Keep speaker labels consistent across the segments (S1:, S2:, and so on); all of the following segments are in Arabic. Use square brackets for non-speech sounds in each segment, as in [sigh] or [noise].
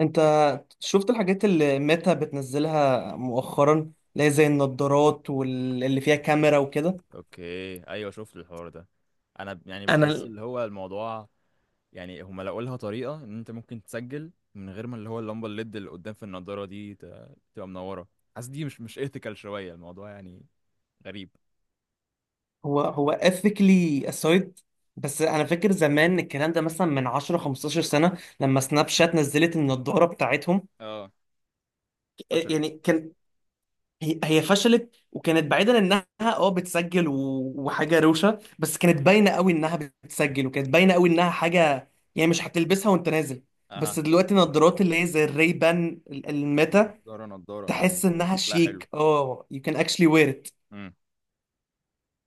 S1: انت شفت الحاجات اللي ميتا بتنزلها مؤخرا، اللي هي زي النضارات واللي فيها كاميرا وكده.
S2: اوكي، ايوه، شفت الحوار ده. انا يعني
S1: انا
S2: بحس
S1: ال-
S2: اللي هو الموضوع. يعني هما لقوا لها طريقه ان انت ممكن تسجل من غير ما اللي هو اللمبه الليد اللي قدام في النضاره دي تبقى منوره. حاسس دي مش ايثيكال شويه الموضوع، يعني غريب.
S1: هو ethically aside. بس انا فاكر زمان الكلام ده مثلا من 10 15 سنة لما سناب شات نزلت النضارة بتاعتهم.
S2: اه،
S1: إيه،
S2: فشلت.
S1: يعني كان... هي فشلت، وكانت بعيدا انها بتسجل وحاجة روشة، بس كانت باينة قوي انها بتسجل، وكانت باينة قوي انها حاجة، يعني مش هتلبسها وانت نازل. بس
S2: اها.
S1: دلوقتي النضارات اللي هي زي الريبان الميتا،
S2: النضاره نضاره يعني.
S1: تحس انها
S2: شكلها حلو.
S1: شيك. اه You can actually wear it.
S2: امم.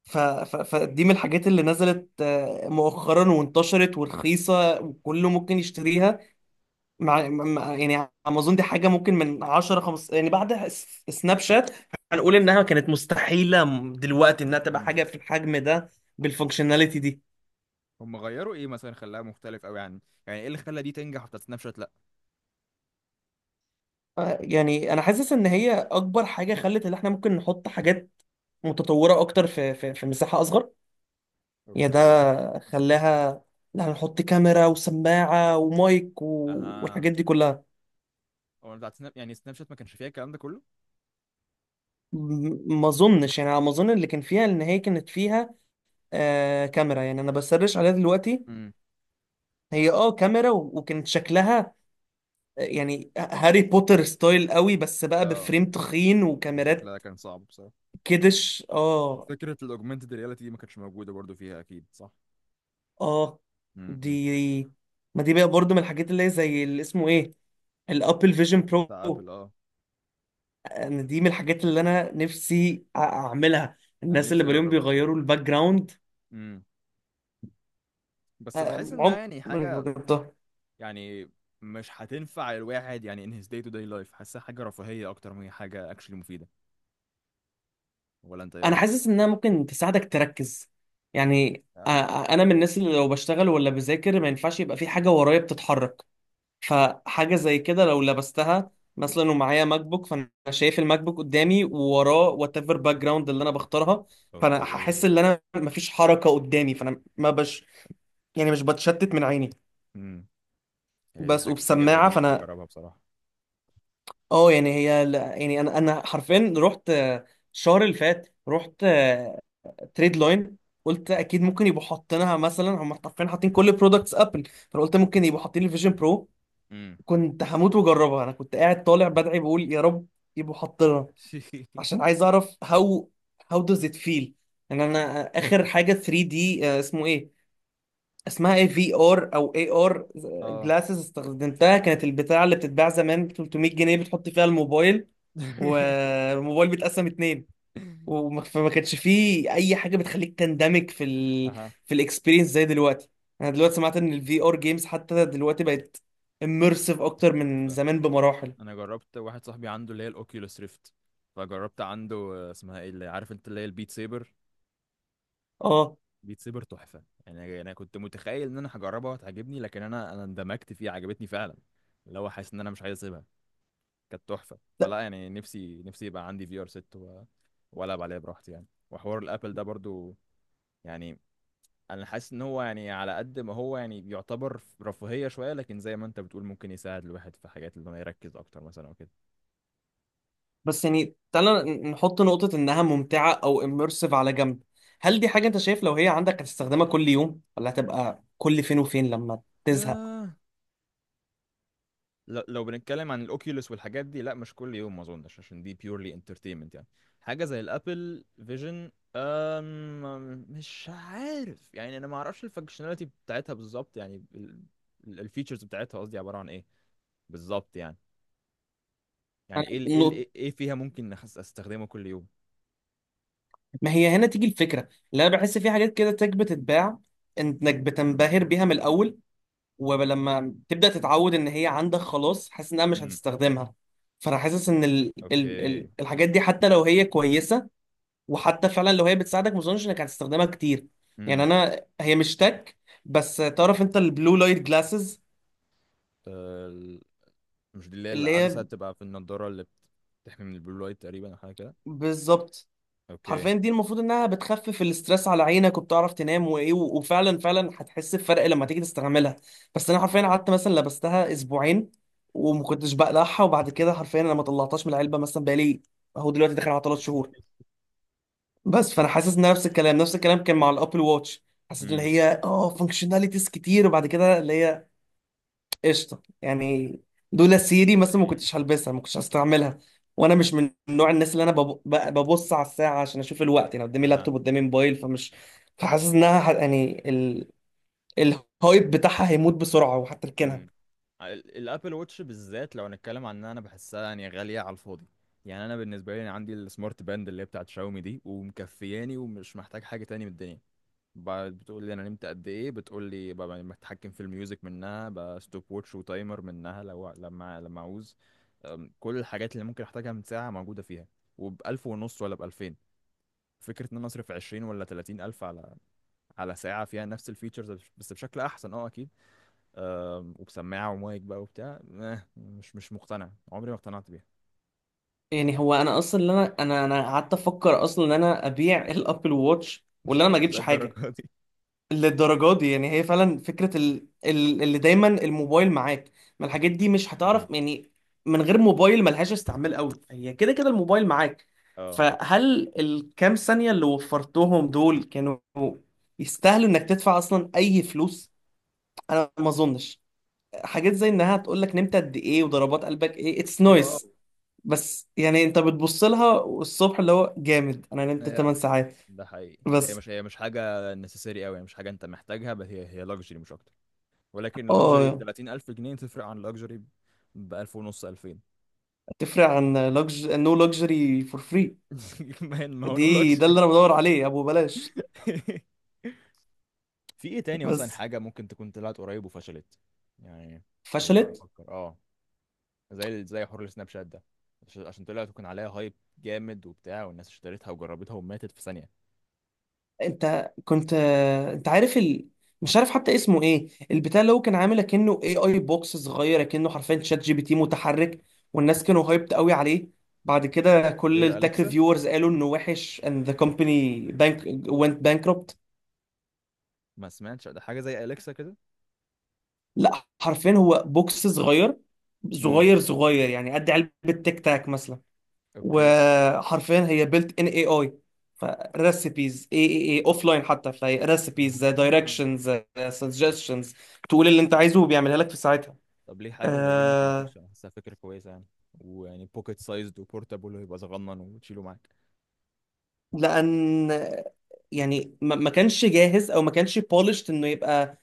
S1: فدي من الحاجات اللي نزلت مؤخرا، وانتشرت ورخيصه وكله ممكن يشتريها. يعني امازون دي حاجه ممكن من 10 15، يعني بعد سناب شات هنقول انها كانت مستحيله دلوقتي انها تبقى
S2: امم.
S1: حاجه في الحجم ده، بالفانكشناليتي دي.
S2: هم غيروا ايه مثلا؟ خلاها مختلف قوي عن، يعني ايه اللي خلى دي تنجح وبتاعت سناب شات لا؟
S1: يعني انا حاسس ان هي اكبر حاجه خلت ان احنا ممكن نحط حاجات متطوره اكتر في مساحه اصغر. يا
S2: اوكي.
S1: ده خلاها... لا، هنحط كاميرا وسماعة ومايك و...
S2: اها.
S1: والحاجات دي كلها.
S2: هو بتاعت سناب، يعني سناب شات، ما كانش فيها الكلام ده كله؟
S1: ما اظنش، يعني على ما اظن اللي كان فيها ان هي كانت فيها كاميرا. يعني انا بسرش عليها دلوقتي.
S2: امم.
S1: هي كاميرا وكانت شكلها يعني هاري بوتر ستايل قوي، بس بقى
S2: اه.
S1: بفريم تخين
S2: ده
S1: وكاميرات.
S2: شكلها كان صعب بصراحه.
S1: كدش. اه.
S2: وفكره الاوجمانتد رياليتي دي ما كانتش موجوده برضو فيها اكيد، صح؟
S1: اه،
S2: امم.
S1: دي، ما دي بقى برضو من الحاجات اللي هي زي اللي اسمه ايه، الابل فيجن
S2: بتاع
S1: برو.
S2: ابل، اه.
S1: انا دي من الحاجات اللي انا نفسي اعملها.
S2: انا
S1: الناس اللي
S2: نفسي
S1: بلاقيهم
S2: اجربها بصراحه.
S1: بيغيروا الباك جراوند،
S2: امم. بس بحس انها يعني
S1: عمري ما
S2: حاجه،
S1: جربتها.
S2: يعني مش هتنفع الواحد يعني in his day to day life. حاسها حاجه رفاهيه اكتر ما هي حاجه اكشلي مفيده. ولا انت ايه
S1: انا
S2: رايك؟
S1: حاسس انها ممكن تساعدك تركز. يعني أ- أ-
S2: فعلا؟
S1: انا من الناس اللي لو بشتغل ولا بذاكر ما ينفعش يبقى في حاجه ورايا بتتحرك. فحاجه زي كده لو لبستها مثلا ومعايا ماك بوك، فانا شايف الماك بوك قدامي، ووراه وات ايفر باك جراوند اللي انا بختارها. فانا هحس
S2: اوكي.
S1: ان انا مفيش حركه قدامي، فانا ما بش، يعني مش بتشتت من عيني.
S2: امم. هي دي
S1: بس
S2: حاجه زي دي
S1: وبسماعه،
S2: نفسي
S1: فانا...
S2: اجربها بصراحه.
S1: اه يعني هي يعني انا حرفيا رحت الشهر اللي فات. رحت تريد لاين، قلت اكيد ممكن يبقوا حاطينها، مثلا هم حرفيا حاطين كل برودكتس ابل، فانا قلت ممكن يبقوا حاطين الفيجن برو.
S2: امم.
S1: كنت هموت واجربها. انا كنت قاعد طالع بدعي بقول يا رب يبقوا حاطينها،
S2: [laughs]
S1: عشان عايز اعرف هاو does it feel. يعني انا اخر حاجه 3D، اسمه ايه، اسمها ايه، في ار او اي ار
S2: اه.
S1: جلاسز، استخدمتها. كانت البتاع اللي بتتباع زمان ب 300 جنيه، بتحط فيها الموبايل
S2: [laughs]
S1: والموبايل بيتقسم اتنين، فما كانش فيه اي حاجه بتخليك تندمج
S2: اها.
S1: في الاكسبيرينس زي دلوقتي. انا دلوقتي سمعت ان الفي ار جيمز حتى دلوقتي بقت اميرسيف اكتر من
S2: تحفه.
S1: زمان بمراحل.
S2: انا جربت واحد صاحبي عنده اللي هي الاوكيولوس ريفت. فجربت عنده اسمها ايه اللي عارف انت، اللي هي البيت سيبر.
S1: اه.
S2: بيت سيبر تحفه. يعني انا كنت متخيل ان انا هجربها وهتعجبني، لكن انا اندمجت فيها، عجبتني فعلا، اللي هو حاسس ان انا مش عايز اسيبها. كانت تحفه فلا. يعني نفسي يبقى عندي في ار 6، والعب عليها براحتي يعني. وحوار الابل ده برضو، يعني انا حاسس ان هو يعني على قد ما هو يعني يعتبر رفاهيه شويه، لكن زي ما انت بتقول ممكن يساعد الواحد في حاجات اللي هو يركز اكتر مثلا او كده.
S1: بس يعني تعالى نحط نقطة إنها ممتعة أو immersive على جنب. هل دي حاجة أنت شايف لو هي عندك هتستخدمها كل يوم، ولا هتبقى كل فين وفين لما تزهق؟
S2: آه. لو بنتكلم عن الاوكيوليس والحاجات دي لا، مش كل يوم ما اظنش، عشان دي بيورلي انترتينمنت يعني. حاجه زي الابل فيجن، أم، مش عارف يعني. انا ما اعرفش الفانكشناليتي بتاعتها بالظبط يعني، الفيتشرز بتاعتها قصدي، عباره عن ايه بالظبط يعني؟ يعني
S1: أنا
S2: ايه
S1: نقطة...
S2: إيه فيها ممكن استخدمه كل يوم؟
S1: ما هي هنا تيجي الفكرة، اللي أنا بحس في حاجات كده تك بتتباع، إنك بتنبهر بيها من الأول، ولما تبدأ تتعود إن هي عندك خلاص حاسس إنها مش
S2: امم.
S1: هتستخدمها. فأنا حاسس إن
S2: اوكي.
S1: الحاجات دي حتى لو هي كويسة، وحتى فعلا لو هي بتساعدك، ما اظنش انك هتستخدمها كتير. يعني
S2: امم.
S1: انا هي مش تك. بس تعرف انت البلو لايت جلاسز؟
S2: ال- مش دي اللي هي
S1: اللي هي...
S2: العدسه بتبقى في النضاره اللي بتحمي من البلو لايت تقريبا او حاجه كده؟
S1: بالظبط.
S2: اوكي.
S1: حرفيا دي المفروض انها بتخفف الاسترس على عينك وبتعرف تنام وايه، وفعلا فعلا هتحس بفرق لما تيجي تستعملها. بس انا حرفيا
S2: اوكي.
S1: قعدت مثلا لبستها اسبوعين وما كنتش بقلعها، وبعد كده حرفيا انا ما طلعتهاش من العلبه، مثلا بقالي اهو دلوقتي داخل على ثلاث شهور. بس فانا حاسس ان نفس الكلام نفس الكلام كان مع الابل واتش. حسيت ان
S2: امم.
S1: هي فانكشناليتيز كتير، وبعد كده اللي هي قشطه يعني. دول سيري مثلا ما
S2: إيه.
S1: كنتش هلبسها، ما كنتش هستعملها. وانا مش من نوع الناس اللي ببص على الساعه عشان اشوف الوقت، يعني قدامي
S2: اها.
S1: لابتوب قدامي موبايل فمش... فحاسس انها يعني الهايب بتاعها هيموت بسرعه وهتركنها.
S2: امم. الابل ووتش بالذات، لو هنتكلم عن ان انا بحسها يعني غاليه على الفاضي. يعني انا بالنسبه لي، أنا عندي السمارت باند اللي هي بتاعت شاومي دي ومكفياني ومش محتاج حاجه تاني من الدنيا. بعد بتقول لي انا نمت قد ايه، بتقول لي ببقى بتحكم في الميوزك منها، ستوب ووتش وتايمر منها، لو لما اعوز. أم، كل الحاجات اللي ممكن احتاجها من ساعه موجوده فيها، وبألف ونص ولا بألفين. فكرة ان انا اصرف عشرين ولا تلاتين ألف على على ساعة فيها نفس الفيتشرز، بس بشكل أحسن، اه أكيد. وبسماعه ومايك بقى وبتاع، مش مقتنع، عمري ما اقتنعت بيها.
S1: يعني هو انا اصلا اللي انا قعدت افكر اصلا ان انا ابيع الابل واتش ولا
S2: [laughs]
S1: انا ما
S2: مش
S1: اجيبش حاجه.
S2: للدرجة دي.
S1: للدرجة دي، يعني هي فعلا فكرة اللي دايما الموبايل معاك. ما الحاجات دي مش
S2: مم.
S1: هتعرف يعني من غير موبايل، ملهاش استعمال قوي، هي كده كده الموبايل معاك.
S2: اه.
S1: فهل الكام ثانية اللي وفرتهم دول كانوا يستاهلوا انك تدفع اصلا اي فلوس؟ انا ما اظنش. حاجات زي انها تقول لك نمت قد ايه وضربات قلبك ايه، اتس
S2: هو، اه.
S1: نويز، بس يعني انت بتبص لها الصبح اللي هو جامد، انا نمت
S2: هي،
S1: 8 ساعات.
S2: ده حقيقي. هي
S1: بس
S2: مش هي مش حاجه نسيسري قوي، مش حاجه انت محتاجها، بس هي لاكجري مش اكتر. ولكن لاكجري ب
S1: اه
S2: 30,000 جنيه تفرق عن لاكجري ب 1000 ونص 2000.
S1: تفرق عن لوكج، نو لوكجري فور فري.
S2: [laughs] ما هو نو
S1: ده اللي
S2: لاكجري.
S1: انا بدور عليه، ابو بلاش.
S2: [laughs] في ايه تاني مثلا
S1: بس
S2: حاجه ممكن تكون طلعت قريب وفشلت؟ يعني، انا بحاول
S1: فشلت.
S2: افكر. اه، زي حوار السناب شات ده. عشان طلع تكون عليها هايب جامد وبتاع، والناس اشتريتها وجربتها وماتت في ثانية.
S1: انت كنت... انت عارف ال... مش عارف حتى اسمه ايه البتاع، اللي هو كان عامل كأنه اي اي بوكس صغير، كأنه حرفيا شات جي بي تي متحرك. والناس كانوا هايبت قوي عليه، بعد
S2: ده
S1: كده كل
S2: غير
S1: التك
S2: أليكسا.
S1: ريفيورز قالوا انه وحش and the company bank went bankrupt.
S2: ما سمعتش، ده حاجة زي أليكسا كده؟
S1: لا، حرفيا هو بوكس صغير،
S2: امم.
S1: صغير صغير يعني قد علبة تيك تاك مثلا.
S2: اوكي.
S1: وحرفيا هي بيلت ان اي اي، فريسيبيز اي اي اي اوف لاين حتى، فهي ريسيبيز،
S2: اها.
S1: دايركشنز، سجستشنز. تقول اللي انت عايزه وبيعملها لك في ساعتها.
S2: طب ليه حاجة زي دي ممكن
S1: آه.
S2: تنفع؟ بحسها فكرة كويسة يعني، ويعني بوكيت سايزد وبورتابل، ويبقى صغنن وتشيله معاك.
S1: لان، يعني ما كانش جاهز، او ما كانش بولشت انه يبقى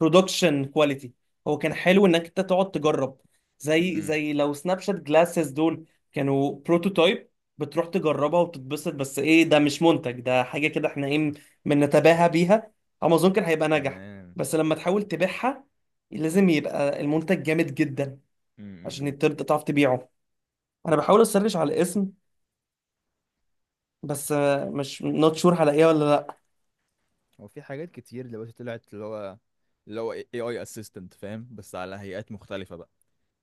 S1: برودكشن كواليتي. هو كان حلو انك انت تقعد تجرب، زي
S2: امم.
S1: زي لو سناب شات جلاسز دول كانوا بروتوتايب، بتروح تجربها وتتبسط، بس ايه ده مش منتج، ده حاجه كده احنا ايه، بنتباهى بيها. امازون كان هيبقى ناجح،
S2: تمام.
S1: بس لما تحاول تبيعها لازم يبقى المنتج جامد جدا
S2: امم.
S1: عشان تعرف تبيعه. انا بحاول اسرش على الاسم، بس مش نوت شور هلاقيها ولا لا.
S2: هو في حاجات كتير دلوقتي طلعت اللي هو، اللي هو اي اي اسيستنت فاهم، بس على هيئات مختلفة بقى.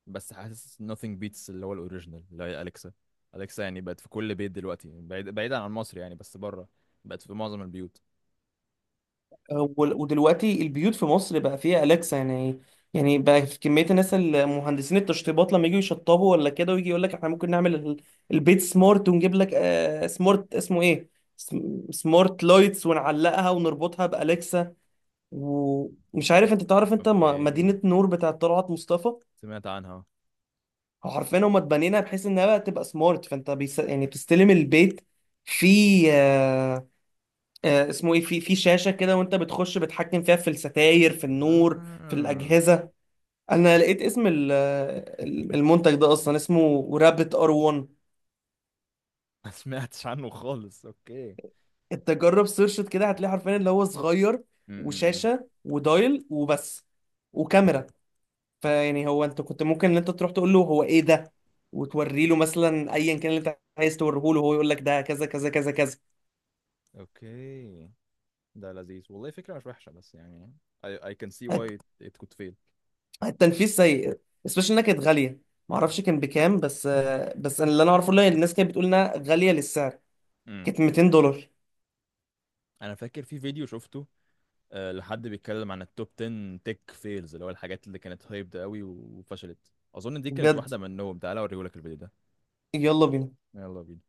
S2: بس حاسس nothing beats اللي هو الاوريجينال، اللي هي اليكسا. اليكسا يعني بقت في كل بيت دلوقتي، بعيد، بعيدا عن مصر يعني بس بره، بقت في معظم البيوت.
S1: ودلوقتي البيوت في مصر بقى فيها أليكسا، يعني بقى في كمية الناس، المهندسين، التشطيبات، لما يجوا يشطبوا ولا كده، ويجي يقول لك احنا ممكن نعمل البيت سمارت، ونجيب لك سمارت اسمه ايه، سمارت لايتس، ونعلقها ونربطها بأليكسا. ومش عارف انت تعرف انت
S2: اوكي.
S1: مدينة نور بتاعت طلعت مصطفى؟
S2: سمعت عنها.
S1: حرفيا هما اتبنينها بحيث انها بقى تبقى سمارت، فانت بيس يعني بتستلم البيت في آه، اسمه ايه، في شاشه كده، وانت بتخش بتحكم فيها، في الستاير، في النور، في
S2: آه.
S1: الاجهزه. انا لقيت اسم المنتج ده، اصلا اسمه رابت ار 1.
S2: ما سمعتش عنه خالص. اوكي.
S1: انت جرب سيرشت كده، هتلاقي حرفيا اللي هو صغير،
S2: م -م -م.
S1: وشاشه ودايل وبس، وكاميرا. فيعني هو انت كنت ممكن ان انت تروح تقول له هو ايه ده، وتوري له مثلا ايا كان اللي انت عايز توريه له، هو يقول لك ده كذا كذا كذا كذا.
S2: اوكي. ده لذيذ والله، فكرة مش وحشة، بس يعني I can see why it could fail.
S1: التنفيذ سيء، especially انها كانت غاليه. ما اعرفش كان بكام، بس بس أنا اللي انا اعرفه ان الناس كانت بتقول انها غاليه للسعر.
S2: م.
S1: كانت 200 دولار.
S2: انا فاكر في فيديو شفته، آه، لحد بيتكلم عن التوب 10 تك فيلز، اللي هو الحاجات اللي كانت هايبد قوي وفشلت. اظن دي كانت
S1: بجد.
S2: واحدة منهم، تعالى اوريهولك الفيديو ده.
S1: يلا بينا.
S2: يلا بينا.